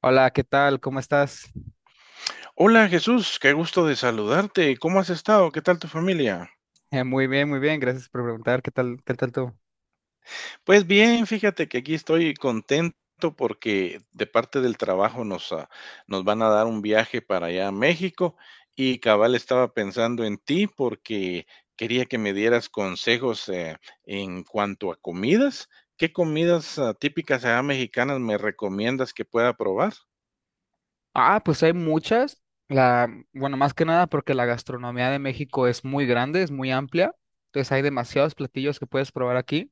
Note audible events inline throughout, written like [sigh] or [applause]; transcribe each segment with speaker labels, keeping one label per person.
Speaker 1: Hola, ¿qué tal? ¿Cómo estás?
Speaker 2: Hola Jesús, qué gusto de saludarte. ¿Cómo has estado? ¿Qué tal tu familia?
Speaker 1: Muy bien, muy bien. Gracias por preguntar. ¿Qué tal? ¿Qué tal tú?
Speaker 2: Pues bien, fíjate que aquí estoy contento porque de parte del trabajo nos van a dar un viaje para allá a México y cabal estaba pensando en ti porque quería que me dieras consejos en cuanto a comidas. ¿Qué comidas típicas allá mexicanas me recomiendas que pueda probar?
Speaker 1: Ah, pues hay muchas. La, bueno, más que nada porque la gastronomía de México es muy grande, es muy amplia. Entonces hay demasiados platillos que puedes probar aquí.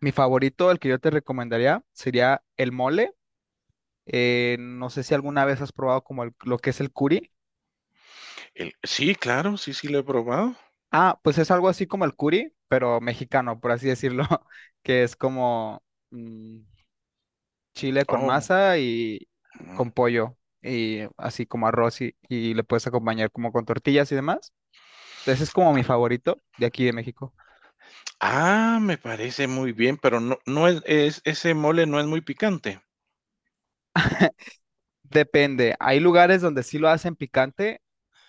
Speaker 1: Mi favorito, el que yo te recomendaría, sería el mole. No sé si alguna vez has probado como lo que es el curi.
Speaker 2: Sí, claro, sí, sí lo he probado.
Speaker 1: Ah, pues es algo así como el curi, pero mexicano, por así decirlo, [laughs] que es como... mm, chile con masa y
Speaker 2: Oh.
Speaker 1: con pollo y así como arroz y le puedes acompañar como con tortillas y demás. Entonces es como mi favorito de aquí de México.
Speaker 2: Ah, me parece muy bien, pero no es es ese mole no es muy picante.
Speaker 1: Depende, hay lugares donde sí lo hacen picante,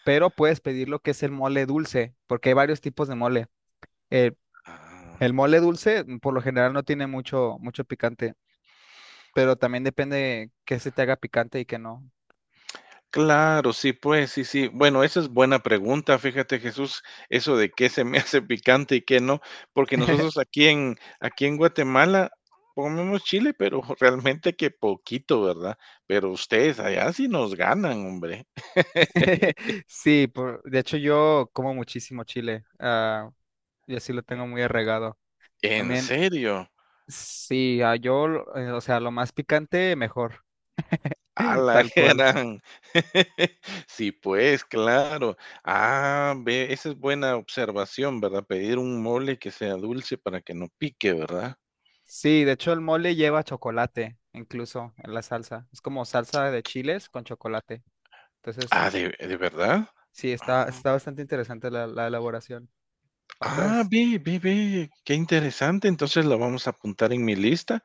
Speaker 1: pero puedes pedir lo que es el mole dulce, porque hay varios tipos de mole. El,
Speaker 2: Ah,
Speaker 1: el mole dulce por lo general no tiene mucho picante, pero también depende qué se te haga picante y qué no.
Speaker 2: claro, sí, pues, sí, sí. Bueno, esa es buena pregunta, fíjate, Jesús, eso de qué se me [laughs] hace picante y qué no, porque nosotros aquí en Guatemala comemos chile, pero [laughs] realmente que poquito, ¿verdad? Pero ustedes allá sí nos ganan, hombre.
Speaker 1: [laughs] Sí, de hecho yo como muchísimo chile, y así lo tengo
Speaker 2: [laughs]
Speaker 1: muy arraigado.
Speaker 2: ¿En
Speaker 1: También
Speaker 2: serio?
Speaker 1: sí, o sea, lo más picante, mejor,
Speaker 2: A
Speaker 1: [laughs]
Speaker 2: la
Speaker 1: tal cual.
Speaker 2: gran. [laughs] Sí, pues, claro. Ah, ve, esa es buena observación, ¿verdad? Pedir un mole que sea dulce para que no pique, ¿verdad?
Speaker 1: Sí, de hecho el mole lleva chocolate, incluso en la salsa. Es como salsa de chiles con chocolate. Entonces,
Speaker 2: Ah, ¿de verdad?
Speaker 1: sí, está bastante interesante la elaboración.
Speaker 2: Ah,
Speaker 1: Otras,
Speaker 2: ve, ve, ve, qué interesante. Entonces lo vamos a apuntar en mi lista.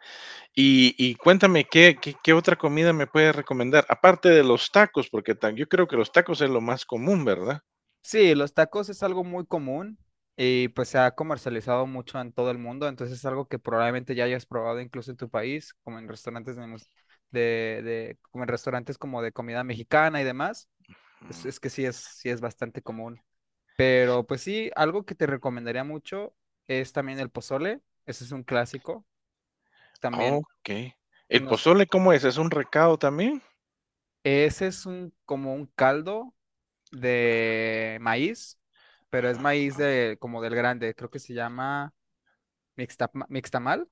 Speaker 2: Y cuéntame, ¿qué otra comida me puedes recomendar? Aparte de los tacos, porque tan yo creo que los tacos es lo más común, ¿verdad?
Speaker 1: sí, los tacos es algo muy común y pues se ha comercializado mucho en todo el mundo. Entonces es algo que probablemente ya hayas probado incluso en tu país, como en restaurantes de, mus- de- como en restaurantes como de comida mexicana y demás.
Speaker 2: Mm,
Speaker 1: Es que sí es, Sí es bastante común. Pero pues sí, algo que te recomendaría mucho es también el pozole. Ese es un clásico. También
Speaker 2: okey. ¿El
Speaker 1: nos,
Speaker 2: pozole cómo es? ¿Es un recado también?
Speaker 1: ese es un como un caldo de maíz, pero es maíz de como del grande, creo que se llama mixtamal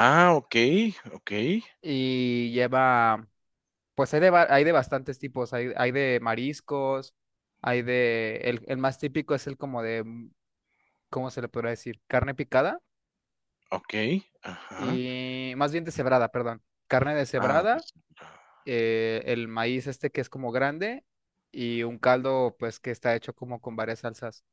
Speaker 2: Ah,
Speaker 1: y lleva pues hay de bastantes tipos, hay de mariscos, hay de el más típico es el como de ¿cómo se le podrá decir? Carne picada
Speaker 2: okey, ajá.
Speaker 1: y más bien deshebrada, perdón. Carne
Speaker 2: Ah,
Speaker 1: deshebrada,
Speaker 2: pues ah.
Speaker 1: el maíz este que es como grande y un caldo pues que está hecho como con varias salsas.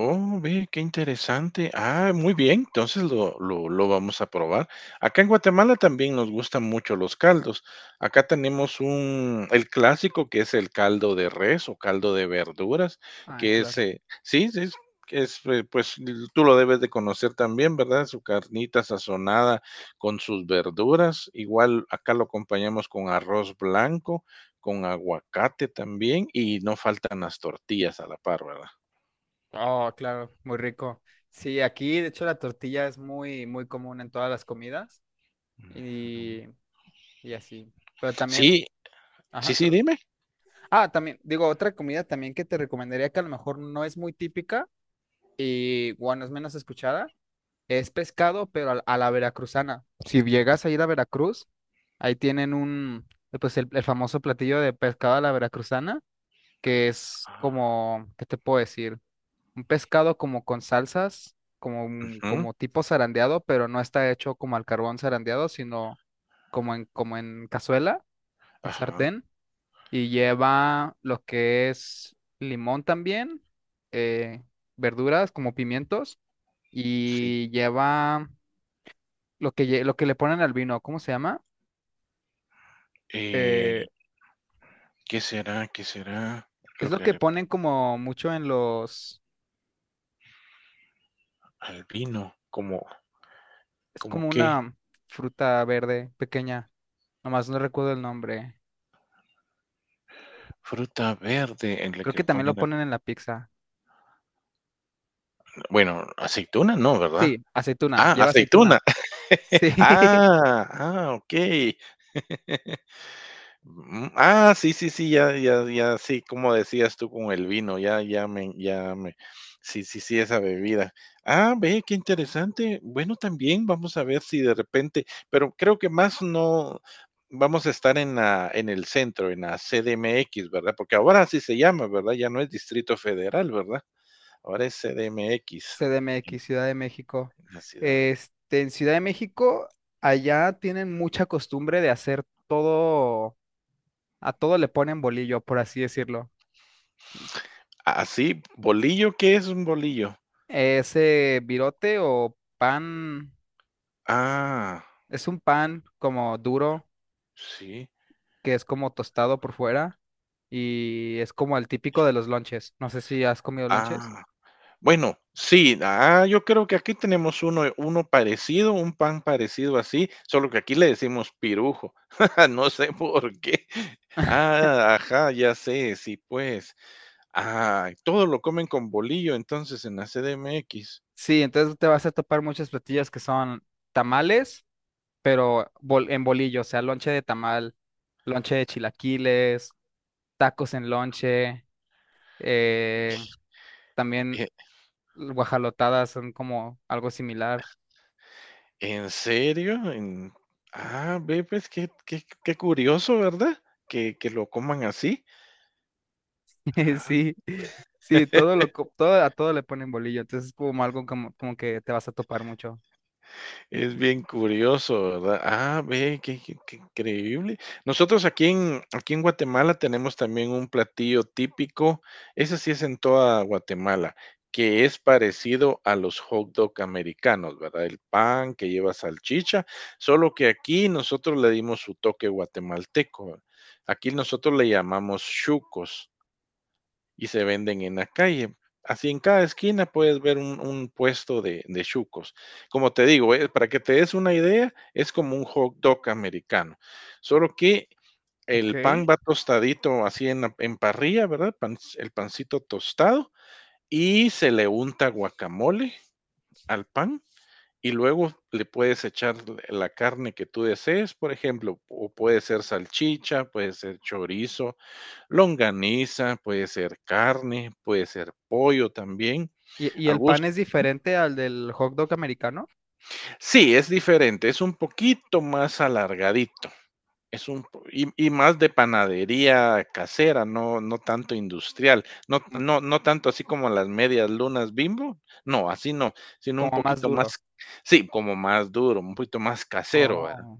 Speaker 2: Oh, ve, qué interesante. Ah, muy bien, entonces lo vamos a probar. Acá en Guatemala también nos gustan mucho los caldos. Acá tenemos un, el clásico que es el caldo de res o caldo de verduras,
Speaker 1: Ah,
Speaker 2: que es,
Speaker 1: claro.
Speaker 2: sí, sí, es, pues tú lo debes de conocer también, ¿verdad? Su carnita sazonada con sus verduras. Igual acá lo acompañamos con arroz blanco, con aguacate también, y no faltan las tortillas a la par, ¿verdad?
Speaker 1: Oh, claro, muy rico. Sí, aquí de hecho la tortilla es muy, muy común en todas las comidas
Speaker 2: Mm.
Speaker 1: y, y así. Pero
Speaker 2: Sí,
Speaker 1: también,
Speaker 2: sí,
Speaker 1: ajá,
Speaker 2: sí,
Speaker 1: perdón.
Speaker 2: dime.
Speaker 1: Ah, también, digo, otra comida también que te recomendaría que a lo mejor no es muy típica y bueno, es menos escuchada. Es pescado, pero a la veracruzana. Si llegas a ir a Veracruz, ahí tienen un, pues el famoso platillo de pescado a la veracruzana, que es como, ¿qué te puedo decir? Un pescado como con salsas, como,
Speaker 2: Ajá,
Speaker 1: como tipo zarandeado, pero no está hecho como al carbón zarandeado, sino como en, como en cazuela, en
Speaker 2: ajá,
Speaker 1: sartén, y lleva lo que es limón también, eh, verduras como pimientos,
Speaker 2: sí.
Speaker 1: y lleva lo que, lo que le ponen al vino, ¿cómo se llama? Eh,
Speaker 2: Eh, qué será
Speaker 1: es
Speaker 2: lo
Speaker 1: lo
Speaker 2: que
Speaker 1: que
Speaker 2: le
Speaker 1: ponen como mucho en los,
Speaker 2: al vino? ¿Como
Speaker 1: es
Speaker 2: como
Speaker 1: como
Speaker 2: qué
Speaker 1: una fruta verde pequeña, nomás no recuerdo el nombre.
Speaker 2: fruta verde en la
Speaker 1: Creo
Speaker 2: que
Speaker 1: que
Speaker 2: le
Speaker 1: también lo
Speaker 2: ponen a
Speaker 1: ponen en la pizza.
Speaker 2: bueno, aceituna no, ¿verdad?
Speaker 1: Sí, aceituna,
Speaker 2: Ah,
Speaker 1: lleva aceituna.
Speaker 2: aceituna. [laughs]
Speaker 1: Sí, [laughs]
Speaker 2: Ah, ah, okey. Mm, ah, sí, sí, sí, ya, ya, ya, sí, como decías tú con el vino, ya me, sí, sí, sí, esa bebida. Ah, ve, qué interesante. Bueno, también vamos a ver si de repente, pero creo que más no vamos a estar en el centro, en la CDMX, ¿verdad? Porque ahora así se llama, ¿verdad? Ya no es Distrito Federal, ¿verdad? Ahora es CDMX, en
Speaker 1: CDMX, Ciudad de México.
Speaker 2: la ciudad de...
Speaker 1: Este, en Ciudad de México, allá tienen mucha costumbre de hacer todo, a todo le ponen bolillo, por así decirlo.
Speaker 2: Ah, sí, bolillo, ¿qué es un bolillo?
Speaker 1: Ese virote o pan.
Speaker 2: Ah,
Speaker 1: Es un pan como duro,
Speaker 2: sí.
Speaker 1: que es como tostado por fuera y es como el típico de los lonches. No sé si has comido lonches.
Speaker 2: Ah. Bueno, sí, yo creo que aquí tenemos uno parecido, un pan parecido así, solo que aquí le decimos pirujo. [laughs] No sé por qué. Ah, ajá, ya sé, sí, pues. Ah, todo lo comen con bolillo, entonces, en la CDMX.
Speaker 1: Sí, entonces te vas a topar muchos platillos que son tamales, pero en bolillo, o sea, lonche de tamal, lonche de chilaquiles, tacos en lonche, eh, también
Speaker 2: ¿E
Speaker 1: guajalotadas son como algo similar.
Speaker 2: en serio? En ah, ve, pues, qué curioso, ¿verdad? Que lo coman así.
Speaker 1: [laughs] Sí, sí,
Speaker 2: [laughs]
Speaker 1: todo todo, a todo le ponen bolillo, entonces es como algo como, como que te vas a topar mucho.
Speaker 2: Es bien curioso, ¿verdad? Ah, ve, qué increíble. Nosotros aquí en Guatemala tenemos también un platillo típico, ese sí es en toda Guatemala, que es parecido a los hot dog americanos, ¿verdad? El pan que lleva salchicha, solo que aquí nosotros le dimos su toque guatemalteco. Aquí nosotros le llamamos chucos y se venden en la calle. Así en cada esquina puedes ver un puesto de chucos. Como te digo, para que te des una idea, es como un hot dog americano. Solo que el pan
Speaker 1: Ok.
Speaker 2: va tostadito así en parrilla, ¿verdad? El pancito tostado y se le unta guacamole al pan y luego le puedes echar la carne que tú desees, por ejemplo, o puede ser salchicha, puede ser chorizo, longaniza, puede ser carne, puede ser pollo también,
Speaker 1: Y
Speaker 2: a
Speaker 1: el pan
Speaker 2: gusto.
Speaker 1: es diferente al del hot dog americano?
Speaker 2: Sí, es diferente, es un poquito más alargadito, es un po y más de panadería casera, no tanto industrial, no
Speaker 1: Mm,
Speaker 2: no no tanto así como las medias lunas Bimbo, no, así no, sino un
Speaker 1: como más
Speaker 2: poquito más
Speaker 1: duro.
Speaker 2: sí, como más duro, un poquito más casero, ¿verdad?
Speaker 1: Oh,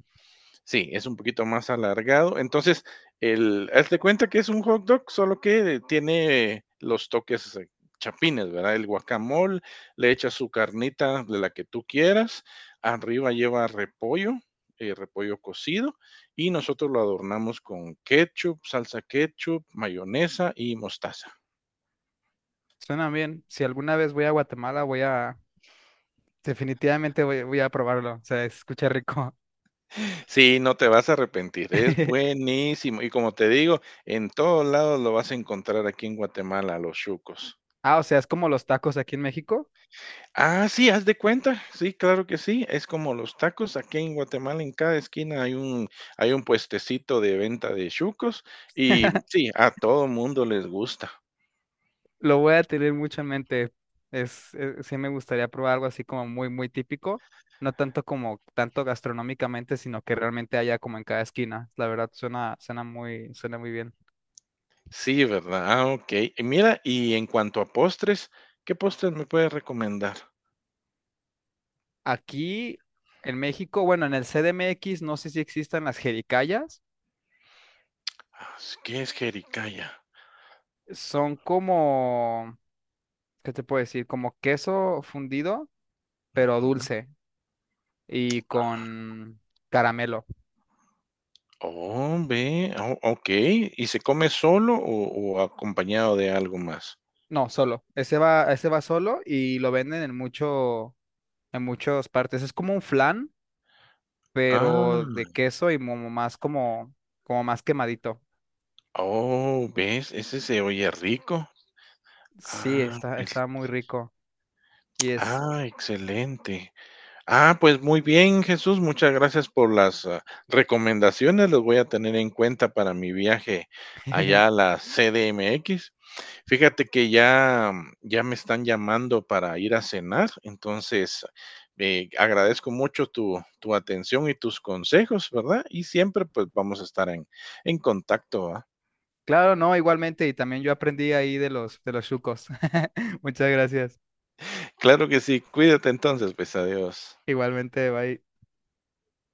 Speaker 2: Sí, es un poquito más alargado. Entonces, haz de cuenta que es un hot dog, solo que tiene los toques chapines, ¿verdad? El guacamole, le echas su carnita de la que tú quieras, arriba lleva repollo, repollo cocido, y nosotros lo adornamos con ketchup, salsa ketchup, mayonesa y mostaza.
Speaker 1: suena bien. Si alguna vez voy a Guatemala, voy a... Definitivamente voy, voy a probarlo. O sea, escucha rico.
Speaker 2: Sí, no te vas a arrepentir, es
Speaker 1: [laughs]
Speaker 2: buenísimo. Y como te digo, en todos lados lo vas a encontrar aquí en Guatemala, los chucos.
Speaker 1: Ah, o sea, es como los tacos aquí en México.
Speaker 2: Ah, sí, haz de cuenta. Sí, claro que sí. Es como los tacos. Aquí en Guatemala, en cada esquina hay un puestecito de venta de chucos y sí, a todo mundo les gusta.
Speaker 1: Lo voy a tener mucho en mente. Sí me gustaría probar algo así como muy, muy típico. No tanto como tanto gastronómicamente, sino que realmente haya como en cada esquina. La verdad, suena, suena muy bien.
Speaker 2: Sí, ¿verdad? Ah, ok. Y mira, y en cuanto a postres, ¿qué postres me puedes recomendar?
Speaker 1: Aquí en México, bueno, en el CDMX, no sé si existan las jericayas.
Speaker 2: Ah, ¿qué es jericaya?
Speaker 1: Son como, ¿qué te puedo decir? Como queso fundido, pero
Speaker 2: Ujú.
Speaker 1: dulce y con caramelo.
Speaker 2: Oh, ve, o okey, ¿y se come solo o acompañado de algo más?
Speaker 1: No, solo. Ese va solo y lo venden en mucho, en muchas partes. Es como un flan,
Speaker 2: Ah,
Speaker 1: pero de queso y como más como, como más quemadito.
Speaker 2: oh, ¿ves? Ese se oye rico.
Speaker 1: Sí,
Speaker 2: Ah,
Speaker 1: está,
Speaker 2: pues,
Speaker 1: está muy rico. Y es.
Speaker 2: ah, excelente. Ah, pues, muy bien, Jesús, muchas gracias por recomendaciones. Los voy a tener en cuenta para mi viaje allá a
Speaker 1: [laughs]
Speaker 2: la CDMX. Fíjate que ya, mm, ya me están llamando para ir a cenar, entonces agradezco mucho tu atención y tus consejos, ¿verdad? Y siempre pues vamos a estar en contacto, ¿va?
Speaker 1: Claro, no, igualmente, y también yo aprendí ahí de los chucos. [laughs] Muchas gracias.
Speaker 2: Claro que sí, cuídate entonces, pues adiós.
Speaker 1: Igualmente, bye.